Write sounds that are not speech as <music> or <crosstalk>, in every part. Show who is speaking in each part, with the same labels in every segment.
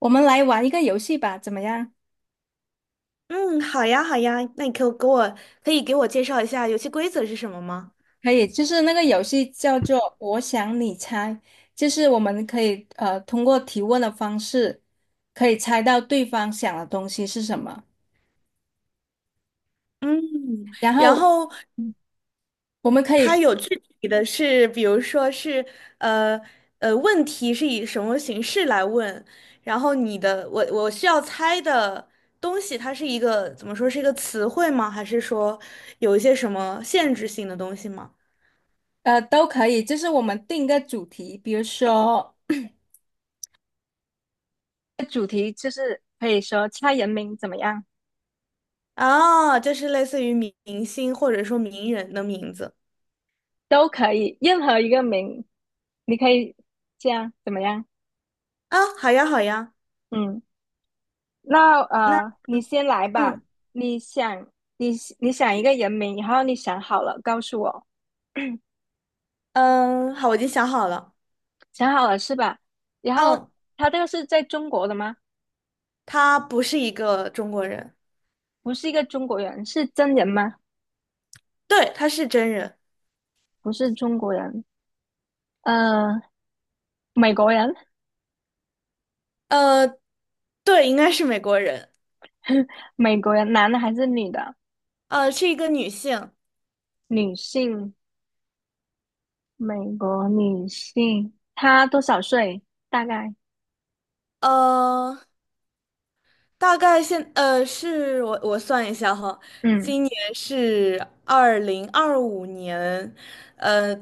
Speaker 1: 我们来玩一个游戏吧，怎么样？
Speaker 2: 嗯，好呀，好呀，那你可以给我介绍一下游戏规则是什么吗？
Speaker 1: 可以，就是那个游戏叫做"我想你猜"，就是我们可以通过提问的方式，可以猜到对方想的东西是什么。
Speaker 2: 嗯，
Speaker 1: 然
Speaker 2: 然
Speaker 1: 后
Speaker 2: 后
Speaker 1: 我们可
Speaker 2: 它
Speaker 1: 以
Speaker 2: 有具体的是，比如说是呃问题是以什么形式来问，然后你的我我需要猜的东西，它是一个怎么说是一个词汇吗？还是说有一些什么限制性的东西吗？
Speaker 1: 都可以，就是我们定一个主题，比如说 <coughs> <clears throat> 可以说猜人名怎么样，
Speaker 2: 啊，就是类似于明星或者说名人的名字。
Speaker 1: 都可以，任何一个名，你可以这样怎么样？
Speaker 2: 啊，好呀，好呀，
Speaker 1: 嗯。那
Speaker 2: 那
Speaker 1: 你先来吧。
Speaker 2: 嗯
Speaker 1: 你想，你你想一个人名，然后你想好了告诉我，
Speaker 2: 嗯，好，我已经想好了。
Speaker 1: 想好了是吧？然后
Speaker 2: 嗯，
Speaker 1: 他这个是在中国的吗？
Speaker 2: 他不是一个中国人。
Speaker 1: 不是一个中国人，是真人吗？
Speaker 2: 对，他是真人。
Speaker 1: 不是中国人，呃，美国人，
Speaker 2: 呃，对，应该是美国人。
Speaker 1: <laughs> 美国人，男的还是女的？
Speaker 2: 是一个女性。
Speaker 1: 女性，美国女性，她多少岁？大概，
Speaker 2: 呃，大概现，呃，是我我算一下哈。
Speaker 1: 嗯
Speaker 2: 今年是2025年，呃，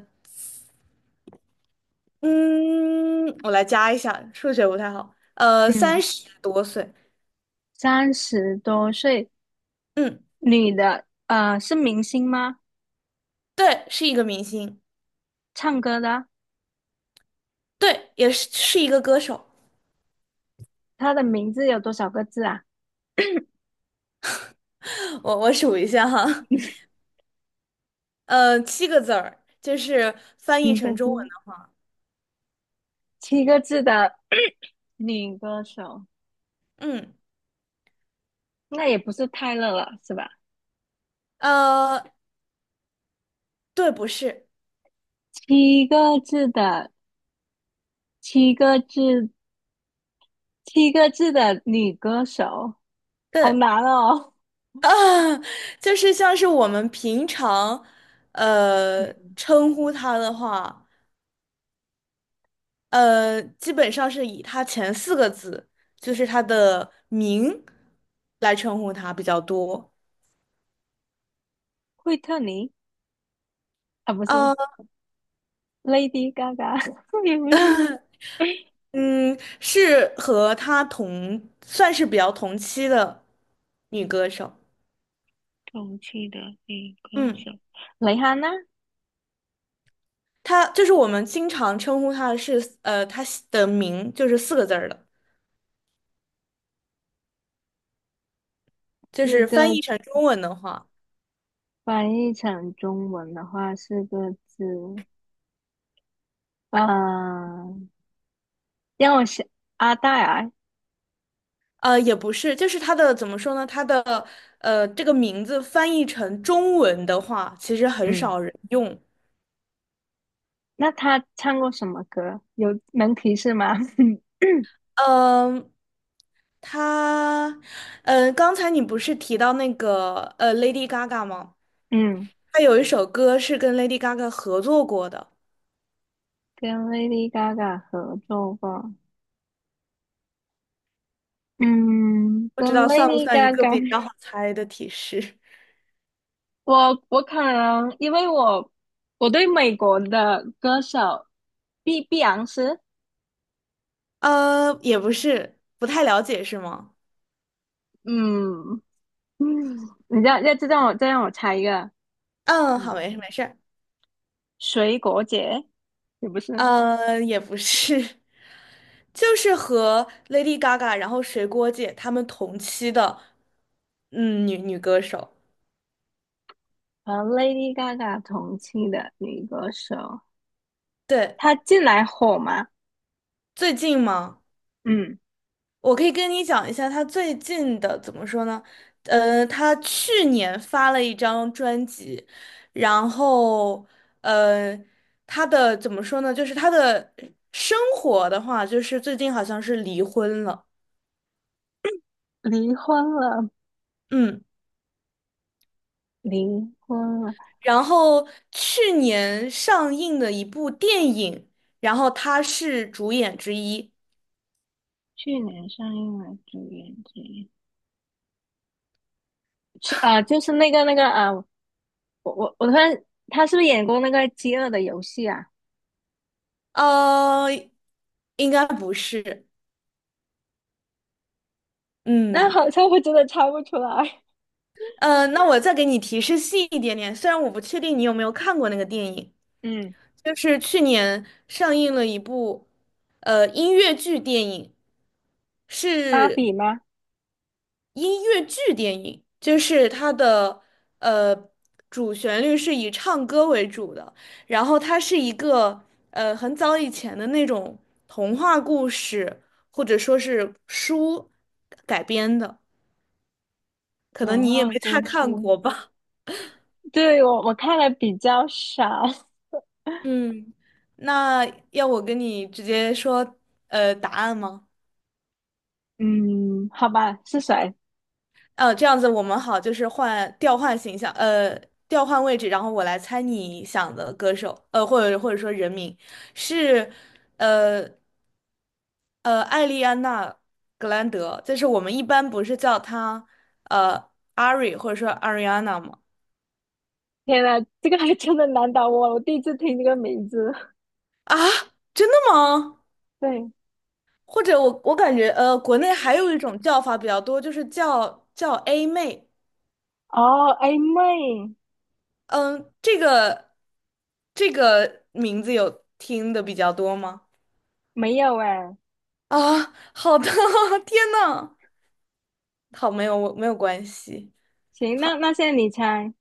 Speaker 2: 嗯，我来加一下，数学不太好，三
Speaker 1: 嗯，
Speaker 2: 十多岁，
Speaker 1: 30多岁，
Speaker 2: 嗯，
Speaker 1: 女的，是明星吗？
Speaker 2: 对，是一个明星。
Speaker 1: 唱歌的？
Speaker 2: 对，也是一个歌手。
Speaker 1: 她的名字有多少个字啊？
Speaker 2: <laughs> 我数一下哈。七个字儿，就是翻译
Speaker 1: 七个
Speaker 2: 成中文
Speaker 1: 字，
Speaker 2: 的。
Speaker 1: 七个字的女歌手，
Speaker 2: 嗯，
Speaker 1: 那也不是泰勒了，是吧？
Speaker 2: 呃，对，不是。
Speaker 1: 七个字的，七个字，七个字的女歌手，好
Speaker 2: 对。
Speaker 1: 难哦。
Speaker 2: 啊，<laughs> 就是像是我们平常，
Speaker 1: 嗯，
Speaker 2: 称呼它的话，基本上是以它前四个字，就是它的名来称呼它比较多。
Speaker 1: 惠特尼啊，不是
Speaker 2: 呃，
Speaker 1: Lady Gaga，<laughs> 也不是
Speaker 2: 嗯，是和她同，算是比较同期的女歌手。
Speaker 1: 同期的女歌
Speaker 2: 嗯。
Speaker 1: 手，蕾哈娜，
Speaker 2: 它就是我们经常称呼它它的名就是四个字儿的，就
Speaker 1: 四
Speaker 2: 是翻
Speaker 1: 个
Speaker 2: 译成中文的话。
Speaker 1: 翻译成中文的话，4个字，啊，让我想，阿黛尔，
Speaker 2: 也不是，就是它的怎么说呢？它的这个名字翻译成中文的话，其实很
Speaker 1: 嗯。
Speaker 2: 少人用。
Speaker 1: 那他唱过什么歌？有能提示吗？
Speaker 2: 嗯、他，刚才你不是提到那个Lady Gaga 吗？
Speaker 1: <laughs> 嗯，
Speaker 2: 她有一首歌是跟 Lady Gaga 合作过的。
Speaker 1: 跟 Lady Gaga 合作过。嗯，
Speaker 2: 不
Speaker 1: 跟
Speaker 2: 知道算不
Speaker 1: Lady
Speaker 2: 算一个
Speaker 1: Gaga，
Speaker 2: 比较
Speaker 1: <laughs>
Speaker 2: 好猜的提示？
Speaker 1: 我可能，因为我对美国的歌手，碧碧昂斯，
Speaker 2: <laughs> 也不是，不太了解是吗？
Speaker 1: 嗯嗯，你要再让我猜一个，
Speaker 2: 嗯，好，没事
Speaker 1: 嗯，
Speaker 2: 没事。
Speaker 1: 水果姐也不是，
Speaker 2: 也不是。<laughs> 就是和 Lady Gaga，然后水果姐她们同期的，嗯，女歌手。
Speaker 1: 和 Lady Gaga 同期的女歌手，
Speaker 2: 对，
Speaker 1: 她近来火吗？
Speaker 2: 最近吗？
Speaker 1: 嗯，
Speaker 2: 我可以跟你讲一下她最近的怎么说呢？她去年发了一张专辑，然后呃，她的怎么说呢？就是她的生活的话，就是最近好像是离婚了。
Speaker 1: 离婚了，
Speaker 2: 嗯。
Speaker 1: 离婚了。
Speaker 2: 然后去年上映的一部电影，然后他是主演之一。
Speaker 1: 去年上映了《主演之一，是啊、就是那个啊、我突然，他是不是演过那个《饥饿的游戏》啊？
Speaker 2: 呃，应该不是。
Speaker 1: 那
Speaker 2: 嗯，
Speaker 1: 好像我真的猜不出来。
Speaker 2: 那我再给你提示细一点点，虽然我不确定你有没有看过那个电影，
Speaker 1: 嗯，
Speaker 2: 就是去年上映了一部音乐剧电影，
Speaker 1: 芭
Speaker 2: 是。
Speaker 1: 比吗？
Speaker 2: 音乐剧电影，就是它的呃主旋律是以唱歌为主的，然后它是一个很早以前的那种童话故事或者说是书改编的，可能
Speaker 1: 童
Speaker 2: 你也没
Speaker 1: 话
Speaker 2: 太
Speaker 1: 故事，
Speaker 2: 看过吧。
Speaker 1: 对，我看的比较少。
Speaker 2: 嗯，那要我跟你直接说答案吗？
Speaker 1: 嗯，好吧，是谁？
Speaker 2: 这样子我们好，就是调换形象，调换位置，然后我来猜你想的歌手，或者说人名是。呃艾丽安娜·格兰德，就是我们一般不是叫她呃 Ari 或者说 Ariana 吗？
Speaker 1: 天呐，这个还真的难倒我，我第一次听这个名字。
Speaker 2: 啊，真的吗？
Speaker 1: 对，
Speaker 2: 或者我感觉国内还有一种叫法比较多，就是叫 A 妹。
Speaker 1: 哦，A 妹
Speaker 2: 嗯，这个名字有听的比较多吗？
Speaker 1: 没有哎。
Speaker 2: 啊，好的，<laughs> 天呐，好，没有关系。
Speaker 1: 行，那现在你猜，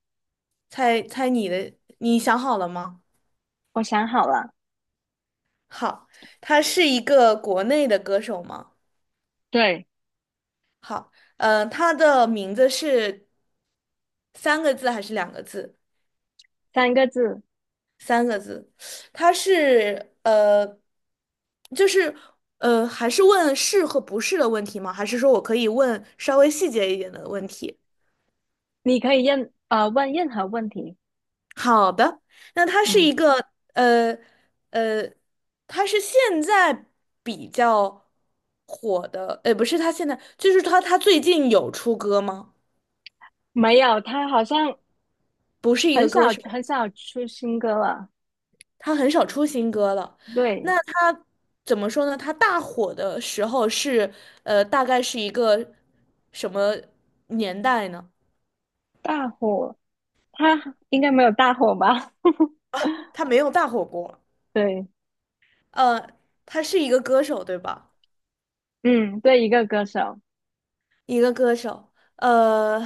Speaker 2: 猜猜你的，你想好了吗？
Speaker 1: 我想好了。
Speaker 2: 好，他是一个国内的歌手吗？
Speaker 1: 对，
Speaker 2: 好。他的名字是三个字还是两个字？
Speaker 1: 3个字，
Speaker 2: 三个字。他是呃，就是呃，还是问是和不是的问题吗？还是说我可以问稍微细节一点的问题？
Speaker 1: 你可以问任何问题。
Speaker 2: 好的，那
Speaker 1: 嗯，
Speaker 2: 呃呃，它是现在比较火的，不是它现在，就是它最近有出歌吗？
Speaker 1: 没有，他好像
Speaker 2: 不是一
Speaker 1: 很
Speaker 2: 个
Speaker 1: 少
Speaker 2: 歌手，
Speaker 1: 很少出新歌了。
Speaker 2: 他很少出新歌了。
Speaker 1: 对，
Speaker 2: 那他怎么说呢？他大火的时候大概是一个什么年代呢？
Speaker 1: 大火，他应该没有大火吧？<laughs>
Speaker 2: 他没有大火过。
Speaker 1: 对，
Speaker 2: 呃，他是一个歌手，对吧？
Speaker 1: 嗯，对，一个歌手，
Speaker 2: 一个歌手。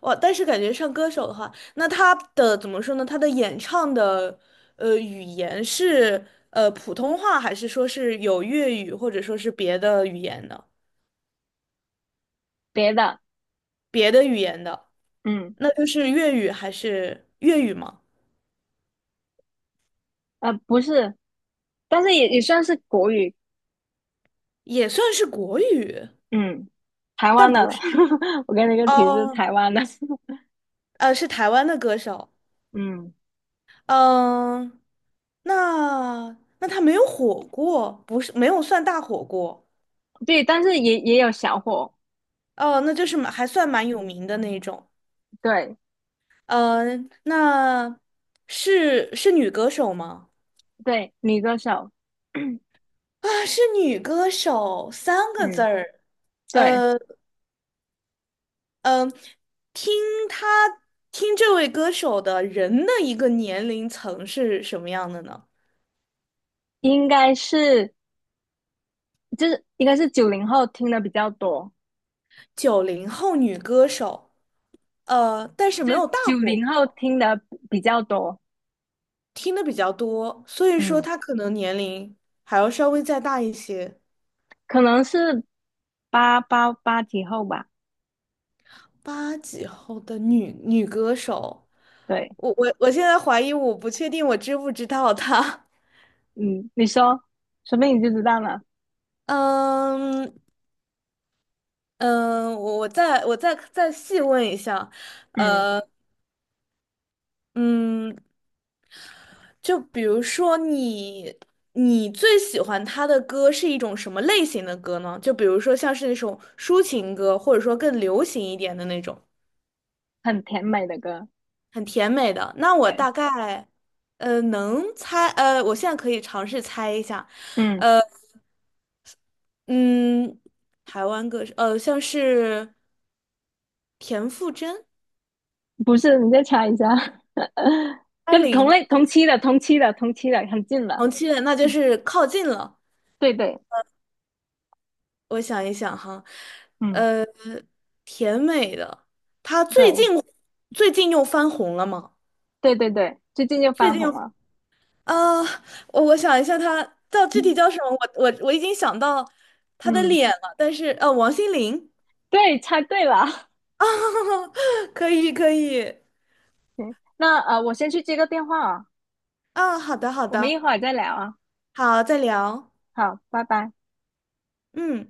Speaker 2: 我但是感觉上歌手的话，那他的怎么说呢？他的演唱的语言是普通话，还是说是有粤语，或者说是别的语言的？
Speaker 1: 别的，
Speaker 2: 别的语言的，
Speaker 1: 嗯，
Speaker 2: 那就是粤语吗？
Speaker 1: 不是，但是也算是国语，
Speaker 2: 也算是国语。
Speaker 1: 嗯，台湾
Speaker 2: 但
Speaker 1: 的
Speaker 2: 不
Speaker 1: 了
Speaker 2: 是
Speaker 1: <laughs> 我给你一个提示，
Speaker 2: 哦，
Speaker 1: 台湾的，
Speaker 2: 是台湾的歌手。
Speaker 1: <laughs> 嗯，
Speaker 2: 嗯、那他没有火过，不是没有算大火过。
Speaker 1: 对，但是也有小火，
Speaker 2: 哦，那就是还算蛮有名的那种。
Speaker 1: 对
Speaker 2: 呃，那是女歌手吗？
Speaker 1: 对，女歌手，<coughs> <clears throat>
Speaker 2: 啊，是女歌手，三个字
Speaker 1: 嗯，
Speaker 2: 儿。
Speaker 1: 对。
Speaker 2: 呃嗯、呃，听她听这位歌手的人的一个年龄层是什么样的呢？
Speaker 1: 应该是应该是九零后听的比较多，
Speaker 2: 90后女歌手。但是
Speaker 1: 就
Speaker 2: 没有大
Speaker 1: 九
Speaker 2: 火
Speaker 1: 零后
Speaker 2: 过，
Speaker 1: 听的比较多，
Speaker 2: 听的比较多，所以说
Speaker 1: 嗯，
Speaker 2: 她可能年龄还要稍微再大一些。
Speaker 1: 可能是八几后吧，
Speaker 2: 八几后的女歌手。
Speaker 1: 对，
Speaker 2: 我现在怀疑，我不确定我知不知道她。
Speaker 1: 嗯，你说，说不定你就知道了，
Speaker 2: <laughs> 嗯嗯，我再细问一下。
Speaker 1: 嗯，
Speaker 2: 呃嗯，就比如说你最喜欢她的歌是一种什么类型的歌呢？就比如说像是那种抒情歌，或者说更流行一点的那种，
Speaker 1: 很甜美的歌，
Speaker 2: 很甜美的。那我
Speaker 1: 对，
Speaker 2: 大概呃能猜呃，我现在可以尝试猜一下。
Speaker 1: 嗯，
Speaker 2: 嗯，台湾歌手，像是田馥甄、
Speaker 1: 不是，你再猜一下，<laughs>
Speaker 2: 艾
Speaker 1: 跟同
Speaker 2: 琳、
Speaker 1: 类同
Speaker 2: 哦
Speaker 1: 期的同期的同期的很近了，
Speaker 2: 黄绮蕾，那就是靠近了。
Speaker 1: 对对，
Speaker 2: 我想一想哈，
Speaker 1: 嗯，
Speaker 2: 呃，甜美的，她最近
Speaker 1: 对
Speaker 2: 最近又翻红了吗？
Speaker 1: 对对对，最近又
Speaker 2: 最
Speaker 1: 翻
Speaker 2: 近又
Speaker 1: 红了，
Speaker 2: 啊，呃我想一下她，叫具体
Speaker 1: 嗯
Speaker 2: 叫什么？我已经想到她的
Speaker 1: 嗯，
Speaker 2: 脸了，但是王心凌。
Speaker 1: 对，猜对了。<laughs>
Speaker 2: <laughs> 啊，可以可以。
Speaker 1: 行，那我先去接个电话啊，
Speaker 2: 啊，好的好
Speaker 1: 我们一
Speaker 2: 的。
Speaker 1: 会儿再聊啊。
Speaker 2: 好，再聊。
Speaker 1: 好，拜拜。
Speaker 2: 嗯。